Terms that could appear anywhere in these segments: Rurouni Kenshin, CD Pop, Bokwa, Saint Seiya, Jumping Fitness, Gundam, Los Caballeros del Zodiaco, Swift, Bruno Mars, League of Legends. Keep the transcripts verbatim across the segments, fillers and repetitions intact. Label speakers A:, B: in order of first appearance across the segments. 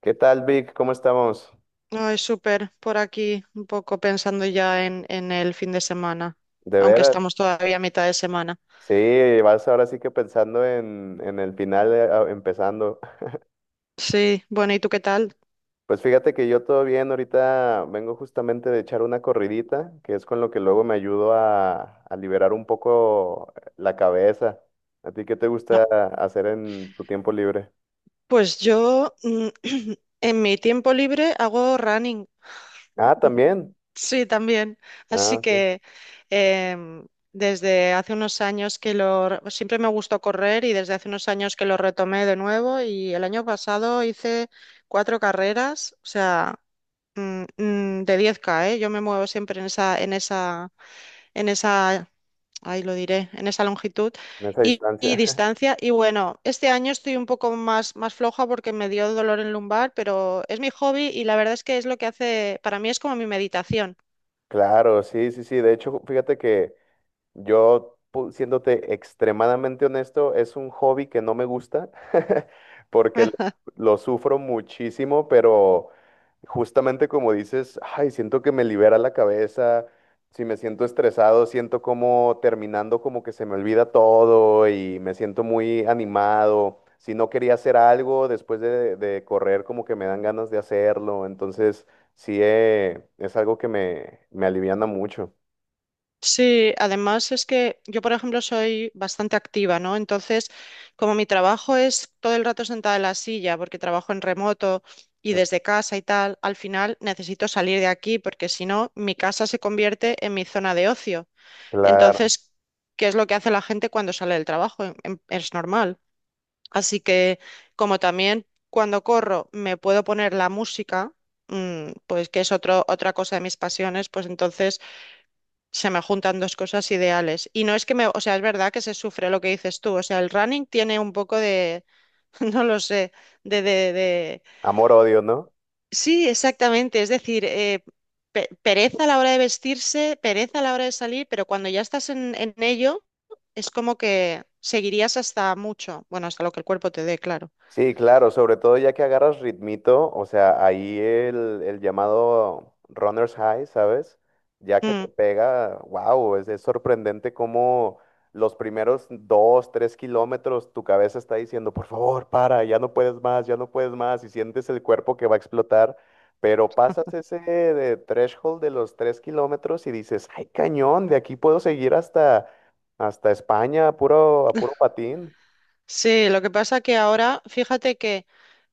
A: ¿Qué tal, Vic? ¿Cómo estamos?
B: Ay, súper, por aquí un poco pensando ya en, en el fin de semana,
A: ¿De
B: aunque
A: veras?
B: estamos todavía a mitad de semana.
A: Sí, vas ahora sí que pensando en, en el final, eh, ah, empezando.
B: Sí, bueno, ¿y tú qué tal?
A: Pues fíjate que yo todo bien, ahorita vengo justamente de echar una corridita, que es con lo que luego me ayudo a, a liberar un poco eh, la cabeza. ¿A ti qué te
B: Ah,
A: gusta hacer en tu tiempo libre?
B: pues yo mm, en mi tiempo libre hago running,
A: Ah, también.
B: sí, también.
A: Ah,
B: Así
A: ok.
B: que em, desde hace unos años que lo... re- siempre me gustó correr y desde hace unos años que lo retomé de nuevo y el año pasado hice cuatro carreras, o sea, mm, mm, de diez K, ¿eh? Yo me muevo siempre en esa, en esa en esa, ahí lo diré, en esa longitud
A: En esa
B: y, y
A: distancia.
B: distancia. Y bueno, este año estoy un poco más, más floja porque me dio dolor en lumbar, pero es mi hobby y la verdad es que es lo que hace, para mí es como mi meditación.
A: Claro, sí, sí, sí. De hecho, fíjate que yo, pu- siéndote extremadamente honesto, es un hobby que no me gusta, porque lo, lo sufro muchísimo, pero justamente como dices, ay, siento que me libera la cabeza, si me siento estresado, siento como terminando como que se me olvida todo y me siento muy animado. Si no quería hacer algo después de, de correr, como que me dan ganas de hacerlo. Entonces, sí, eh, es algo que me, me aliviana mucho.
B: Sí, además es que yo, por ejemplo, soy bastante activa, ¿no? Entonces, como mi trabajo es todo el rato sentada en la silla, porque trabajo en remoto y
A: Mm.
B: desde casa y tal, al final necesito salir de aquí, porque si no, mi casa se convierte en mi zona de ocio.
A: Claro.
B: Entonces, ¿qué es lo que hace la gente cuando sale del trabajo? Em- em- Es normal. Así que, como también cuando corro me puedo poner la música, mm, pues que es otro, otra cosa de mis pasiones, pues entonces se me juntan dos cosas ideales. Y no es que me, o sea, es verdad que se sufre lo que dices tú. O sea, el running tiene un poco de, no lo sé, de, de,
A: Amor-odio, ¿no?
B: sí, exactamente. Es decir, eh, pe- pereza a la hora de vestirse, pereza a la hora de salir, pero cuando ya estás en, en ello, es como que seguirías hasta mucho, bueno, hasta lo que el cuerpo te dé, claro.
A: Sí, claro, sobre todo ya que agarras ritmito, o sea, ahí el, el llamado runner's high, ¿sabes? Ya que te
B: Mm.
A: pega, wow, es, es sorprendente cómo los primeros dos, tres kilómetros tu cabeza está diciendo, por favor, para, ya no puedes más, ya no puedes más, y sientes el cuerpo que va a explotar, pero pasas ese eh, threshold de los tres kilómetros y dices, ay, cañón, de aquí puedo seguir hasta, hasta España, a puro, a puro patín,
B: Sí, lo que pasa que ahora, fíjate que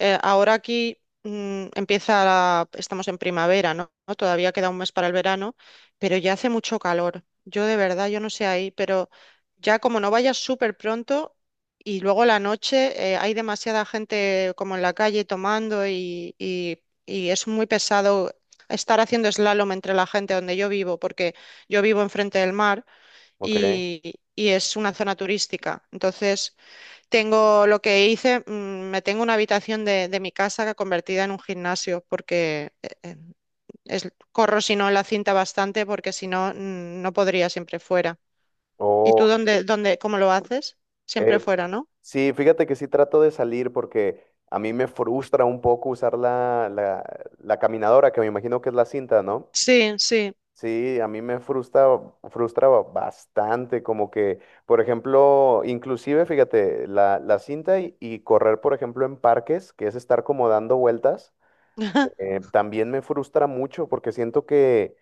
B: Eh, ahora aquí mm, empieza la- estamos en primavera, ¿no? ¿no? Todavía queda un mes para el verano, pero ya hace mucho calor. Yo de verdad, yo no sé ahí, pero ya como no vayas súper pronto y luego la noche eh, hay demasiada gente como en la calle tomando y, y y es muy pesado estar haciendo slalom entre la gente donde yo vivo, porque yo vivo enfrente del mar
A: ¿ok?
B: y, y es una zona turística. Entonces tengo lo que hice, mm, me tengo una habitación de, de mi casa convertida en un gimnasio porque eh, eh, es- corro si no la cinta bastante porque si no mm, no podría siempre fuera. ¿Y tú
A: Oh,
B: dónde, dónde, cómo lo haces? Siempre
A: eh,
B: fuera, ¿no?
A: sí, fíjate que sí trato de salir porque a mí me frustra un poco usar la, la, la caminadora, que me imagino que es la cinta, ¿no?
B: Sí, sí.
A: Sí, a mí me frustra, frustra bastante, como que, por ejemplo, inclusive, fíjate, la, la cinta y, y correr, por ejemplo, en parques, que es estar como dando vueltas. Eh, también me frustra mucho porque siento que,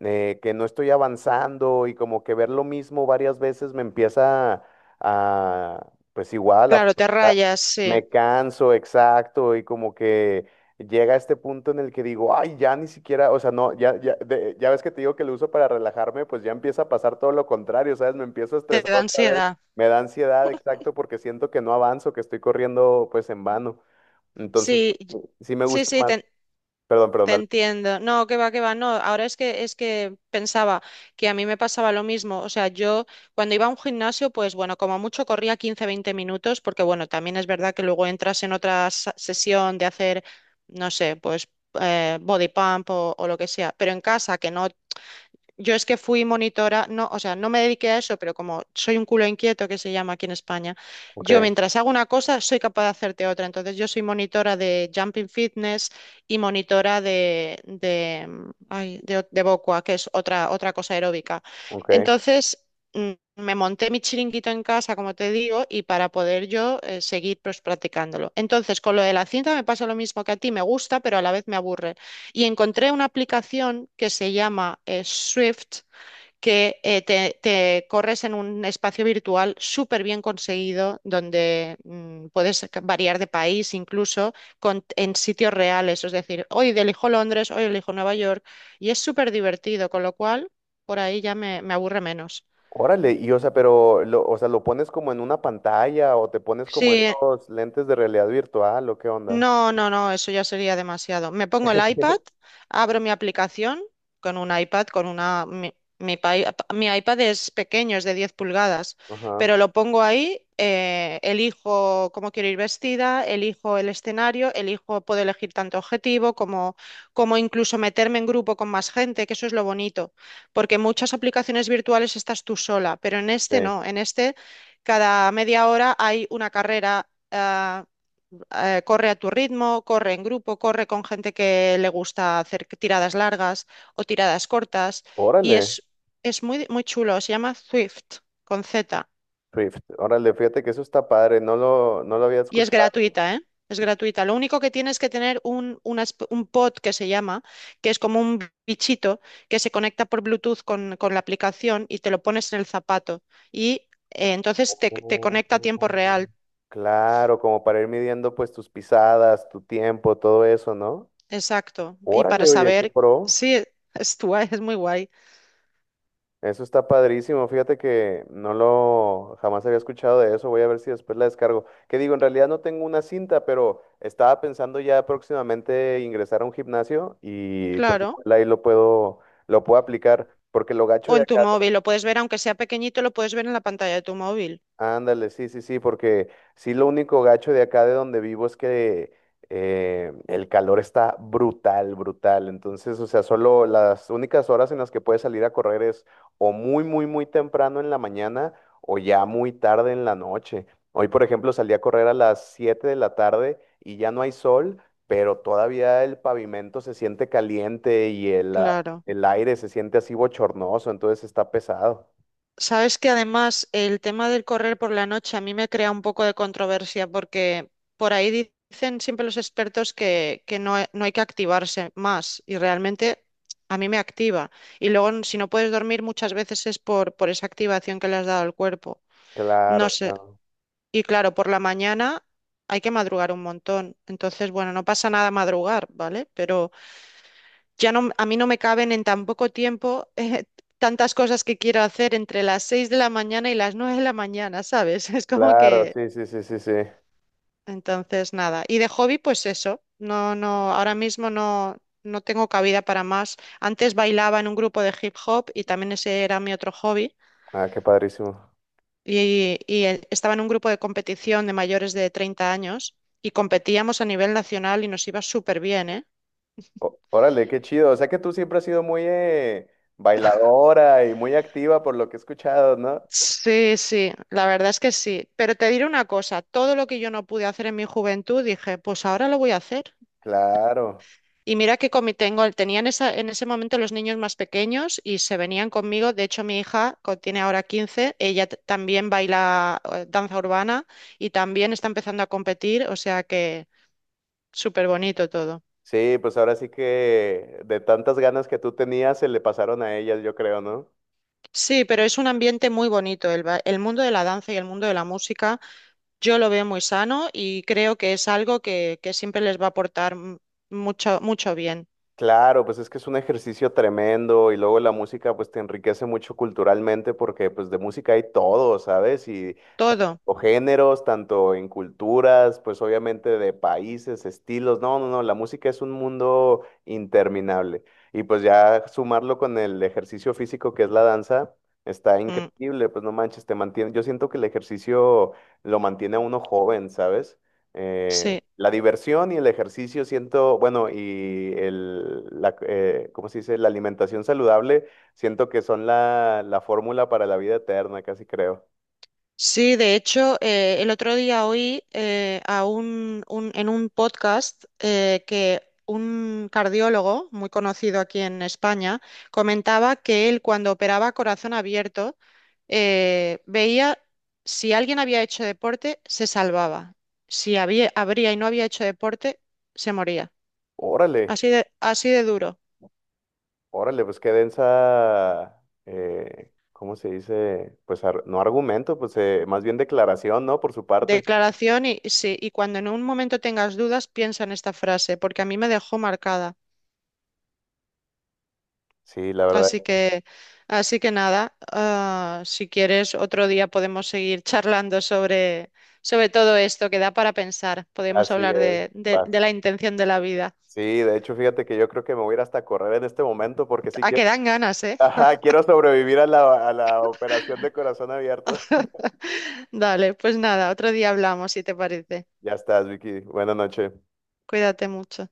A: eh, que no estoy avanzando y como que ver lo mismo varias veces me empieza a, pues igual, a
B: Claro, te
A: frustrar.
B: rayas, sí.
A: Me canso, exacto, y como que llega este punto en el que digo, ay, ya ni siquiera, o sea, no, ya, ya, de- ya ves que te digo que lo uso para relajarme, pues ya empieza a pasar todo lo contrario, ¿sabes? Me empiezo a
B: Te
A: estresar
B: da
A: otra vez,
B: ansiedad.
A: me da ansiedad, exacto, porque siento que no avanzo, que estoy corriendo pues en vano. Entonces,
B: Sí, y-
A: sí me
B: sí,
A: gusta
B: sí,
A: más.
B: te,
A: Perdón, perdón,
B: te
A: dale.
B: entiendo. No, que va, que va. No, ahora es que es que pensaba que a mí me pasaba lo mismo. O sea, yo cuando iba a un gimnasio, pues bueno, como mucho corría quince veinte minutos, porque bueno, también es verdad que luego entras en otra sa- sesión de hacer, no sé, pues eh, body pump o, o lo que sea. Pero en casa, que no, yo es que fui monitora, no, o sea, no me dediqué a eso, pero como soy un culo inquieto que se llama aquí en España,
A: Ok,
B: yo mientras hago una cosa soy capaz de hacerte otra. Entonces yo soy monitora de Jumping Fitness y monitora de, de, mm, ay, de, o- de Bokwa, que es otra, otra cosa aeróbica.
A: ok.
B: Entonces mm, me monté mi chiringuito en casa, como te digo, y para poder yo eh, seguir pues, practicándolo. Entonces con lo de la cinta me pasa lo mismo que a ti, me gusta, pero a la vez me aburre. Y encontré una aplicación que se llama eh, Swift, que eh, te, te corres en un espacio virtual súper bien conseguido, donde mm, puedes variar de país incluso con, en sitios reales. Es decir, hoy elijo Londres, hoy elijo Nueva York, y es súper divertido, con lo cual por ahí ya me, me aburre menos.
A: Órale, y o sea, pero lo, o sea, ¿lo pones como en una pantalla o te pones como
B: Sí,
A: estos lentes de realidad virtual o qué onda?
B: no, no, no, eso ya sería demasiado. Me pongo el iPad, abro mi aplicación con un iPad, con una... Mi, mi pai- mi iPad es pequeño, es de diez pulgadas,
A: Ajá.
B: pero lo pongo ahí, eh, elijo cómo quiero ir vestida, elijo el escenario, elijo, puedo elegir tanto objetivo como, como incluso meterme en grupo con más gente, que eso es lo bonito, porque en muchas aplicaciones virtuales estás tú sola, pero en este
A: Sí.
B: no, en este cada media hora hay una carrera. Ah, eh, corre a tu ritmo, corre en grupo, corre con gente que le gusta hacer tiradas largas o tiradas cortas y es,
A: Órale,
B: es muy, muy chulo, se llama Swift con Z
A: Swift. Órale, fíjate que eso está padre, no lo, no lo había
B: y es
A: escuchado.
B: gratuita, ¿eh? Es gratuita. Lo único que tienes que tener un, una esp- un pod que se llama, que es como un bichito que se conecta por Bluetooth con, con la aplicación y te lo pones en el zapato. Y eh, entonces te, te
A: Oh,
B: conecta a tiempo real.
A: claro, como para ir midiendo pues tus pisadas, tu tiempo, todo eso, ¿no?
B: Exacto. Y para
A: Órale, oye, qué
B: saber,
A: pro.
B: sí, es, tu- es muy guay.
A: Eso está padrísimo. Fíjate que no lo jamás había escuchado de eso. Voy a ver si después la descargo. Que digo, en realidad no tengo una cinta, pero estaba pensando ya próximamente ingresar a un gimnasio y pues
B: Claro.
A: igual ahí lo puedo lo puedo aplicar porque lo
B: O
A: gacho de
B: en tu
A: acá.
B: móvil, lo puedes ver, aunque sea pequeñito, lo puedes ver en la pantalla de tu móvil.
A: Ándale, sí, sí, sí, porque sí, lo único gacho de acá de donde vivo es que eh, el calor está brutal, brutal. Entonces, o sea, solo las únicas horas en las que puedes salir a correr es o muy, muy, muy temprano en la mañana o ya muy tarde en la noche. Hoy, por ejemplo, salí a correr a las siete de la tarde y ya no hay sol, pero todavía el pavimento se siente caliente y el, a-
B: Claro.
A: el aire se siente así bochornoso, entonces está pesado.
B: Sabes que además el tema del correr por la noche a mí me crea un poco de controversia porque por ahí di- dicen siempre los expertos que, que no, he- no hay que activarse más y realmente a mí me activa. Y luego n- si no puedes dormir muchas veces es por, por esa activación que le has dado al cuerpo. No
A: Claro,
B: sé.
A: claro.
B: Y claro, por la mañana hay que madrugar un montón. Entonces, bueno, no pasa nada madrugar, ¿vale? Pero... ya no, a mí no me caben en tan poco tiempo eh, tantas cosas que quiero hacer entre las seis de la mañana y las nueve de la mañana, ¿sabes? Es como
A: Claro,
B: que,
A: sí, sí, sí, sí, sí.
B: entonces, nada. Y de hobby, pues eso, no, no, ahora mismo no, no tengo cabida para más. Antes bailaba en un grupo de hip hop y también ese era mi otro hobby.
A: Ah, qué padrísimo.
B: Y, y eh, estaba en un grupo de competición de mayores de treinta años y competíamos a nivel nacional y nos iba súper bien, ¿eh?
A: O- órale, qué chido. O sea que tú siempre has sido muy eh, bailadora y muy activa por lo que he escuchado, ¿no?
B: Sí, sí, la verdad es que sí. Pero te diré una cosa, todo lo que yo no pude hacer en mi juventud, dije, pues ahora lo voy a hacer.
A: Claro.
B: Y mira que con mi tengo, tenían esa, en ese momento los niños más pequeños y se venían conmigo. De hecho, mi hija co- tiene ahora quince. Ella t- también baila eh, danza urbana y también está empezando a competir, o sea que súper bonito todo.
A: Sí, pues ahora sí que de tantas ganas que tú tenías se le pasaron a ellas, yo creo, ¿no?
B: Sí, pero es un ambiente muy bonito, el, ba- el mundo de la danza y el mundo de la música. Yo lo veo muy sano y creo que es algo que, que siempre les va a aportar m- mucho, mucho bien.
A: Claro, pues es que es un ejercicio tremendo y luego la música pues te enriquece mucho culturalmente porque pues de música hay todo, ¿sabes? Y
B: Todo.
A: o géneros, tanto en culturas, pues obviamente de países, estilos. No, no, no, la música es un mundo interminable. Y pues ya sumarlo con el ejercicio físico que es la danza, está
B: Mm,
A: increíble, pues no manches, te mantiene. Yo siento que el ejercicio lo mantiene a uno joven, ¿sabes? Eh,
B: sí.
A: la diversión y el ejercicio siento, bueno, y el, la, eh, ¿cómo se dice? La alimentación saludable, siento que son la, la fórmula para la vida eterna, casi creo.
B: Sí, de hecho, eh, el otro día oí eh, a un, un- en un podcast eh, que un cardiólogo muy conocido aquí en España comentaba que él cuando operaba corazón abierto eh, veía si alguien había hecho deporte, se salvaba. Si había, habría y no había hecho deporte, se moría.
A: Órale.
B: Así de, así de duro.
A: Órale, pues qué densa, eh, ¿cómo se dice? Pues ar- no argumento, pues eh, más bien declaración, ¿no? Por su parte.
B: Declaración y sí, y cuando en un momento tengas dudas, piensa en esta frase, porque a mí me dejó marcada.
A: Sí, la verdad,
B: Así que, así que nada, ah, si quieres, otro día podemos seguir charlando sobre, sobre todo esto que da para pensar. Podemos
A: así
B: hablar
A: es.
B: de, de,
A: bas-
B: de la intención de la vida.
A: Sí, de hecho, fíjate que yo creo que me voy a ir hasta a correr en este momento porque sí
B: A que
A: quiero.
B: dan ganas, ¿eh?
A: Ajá, quiero sobrevivir a la, a la operación de corazón abierto.
B: Dale, pues nada, otro día hablamos, si te parece.
A: Ya estás, Vicky. Buenas noches.
B: Cuídate mucho.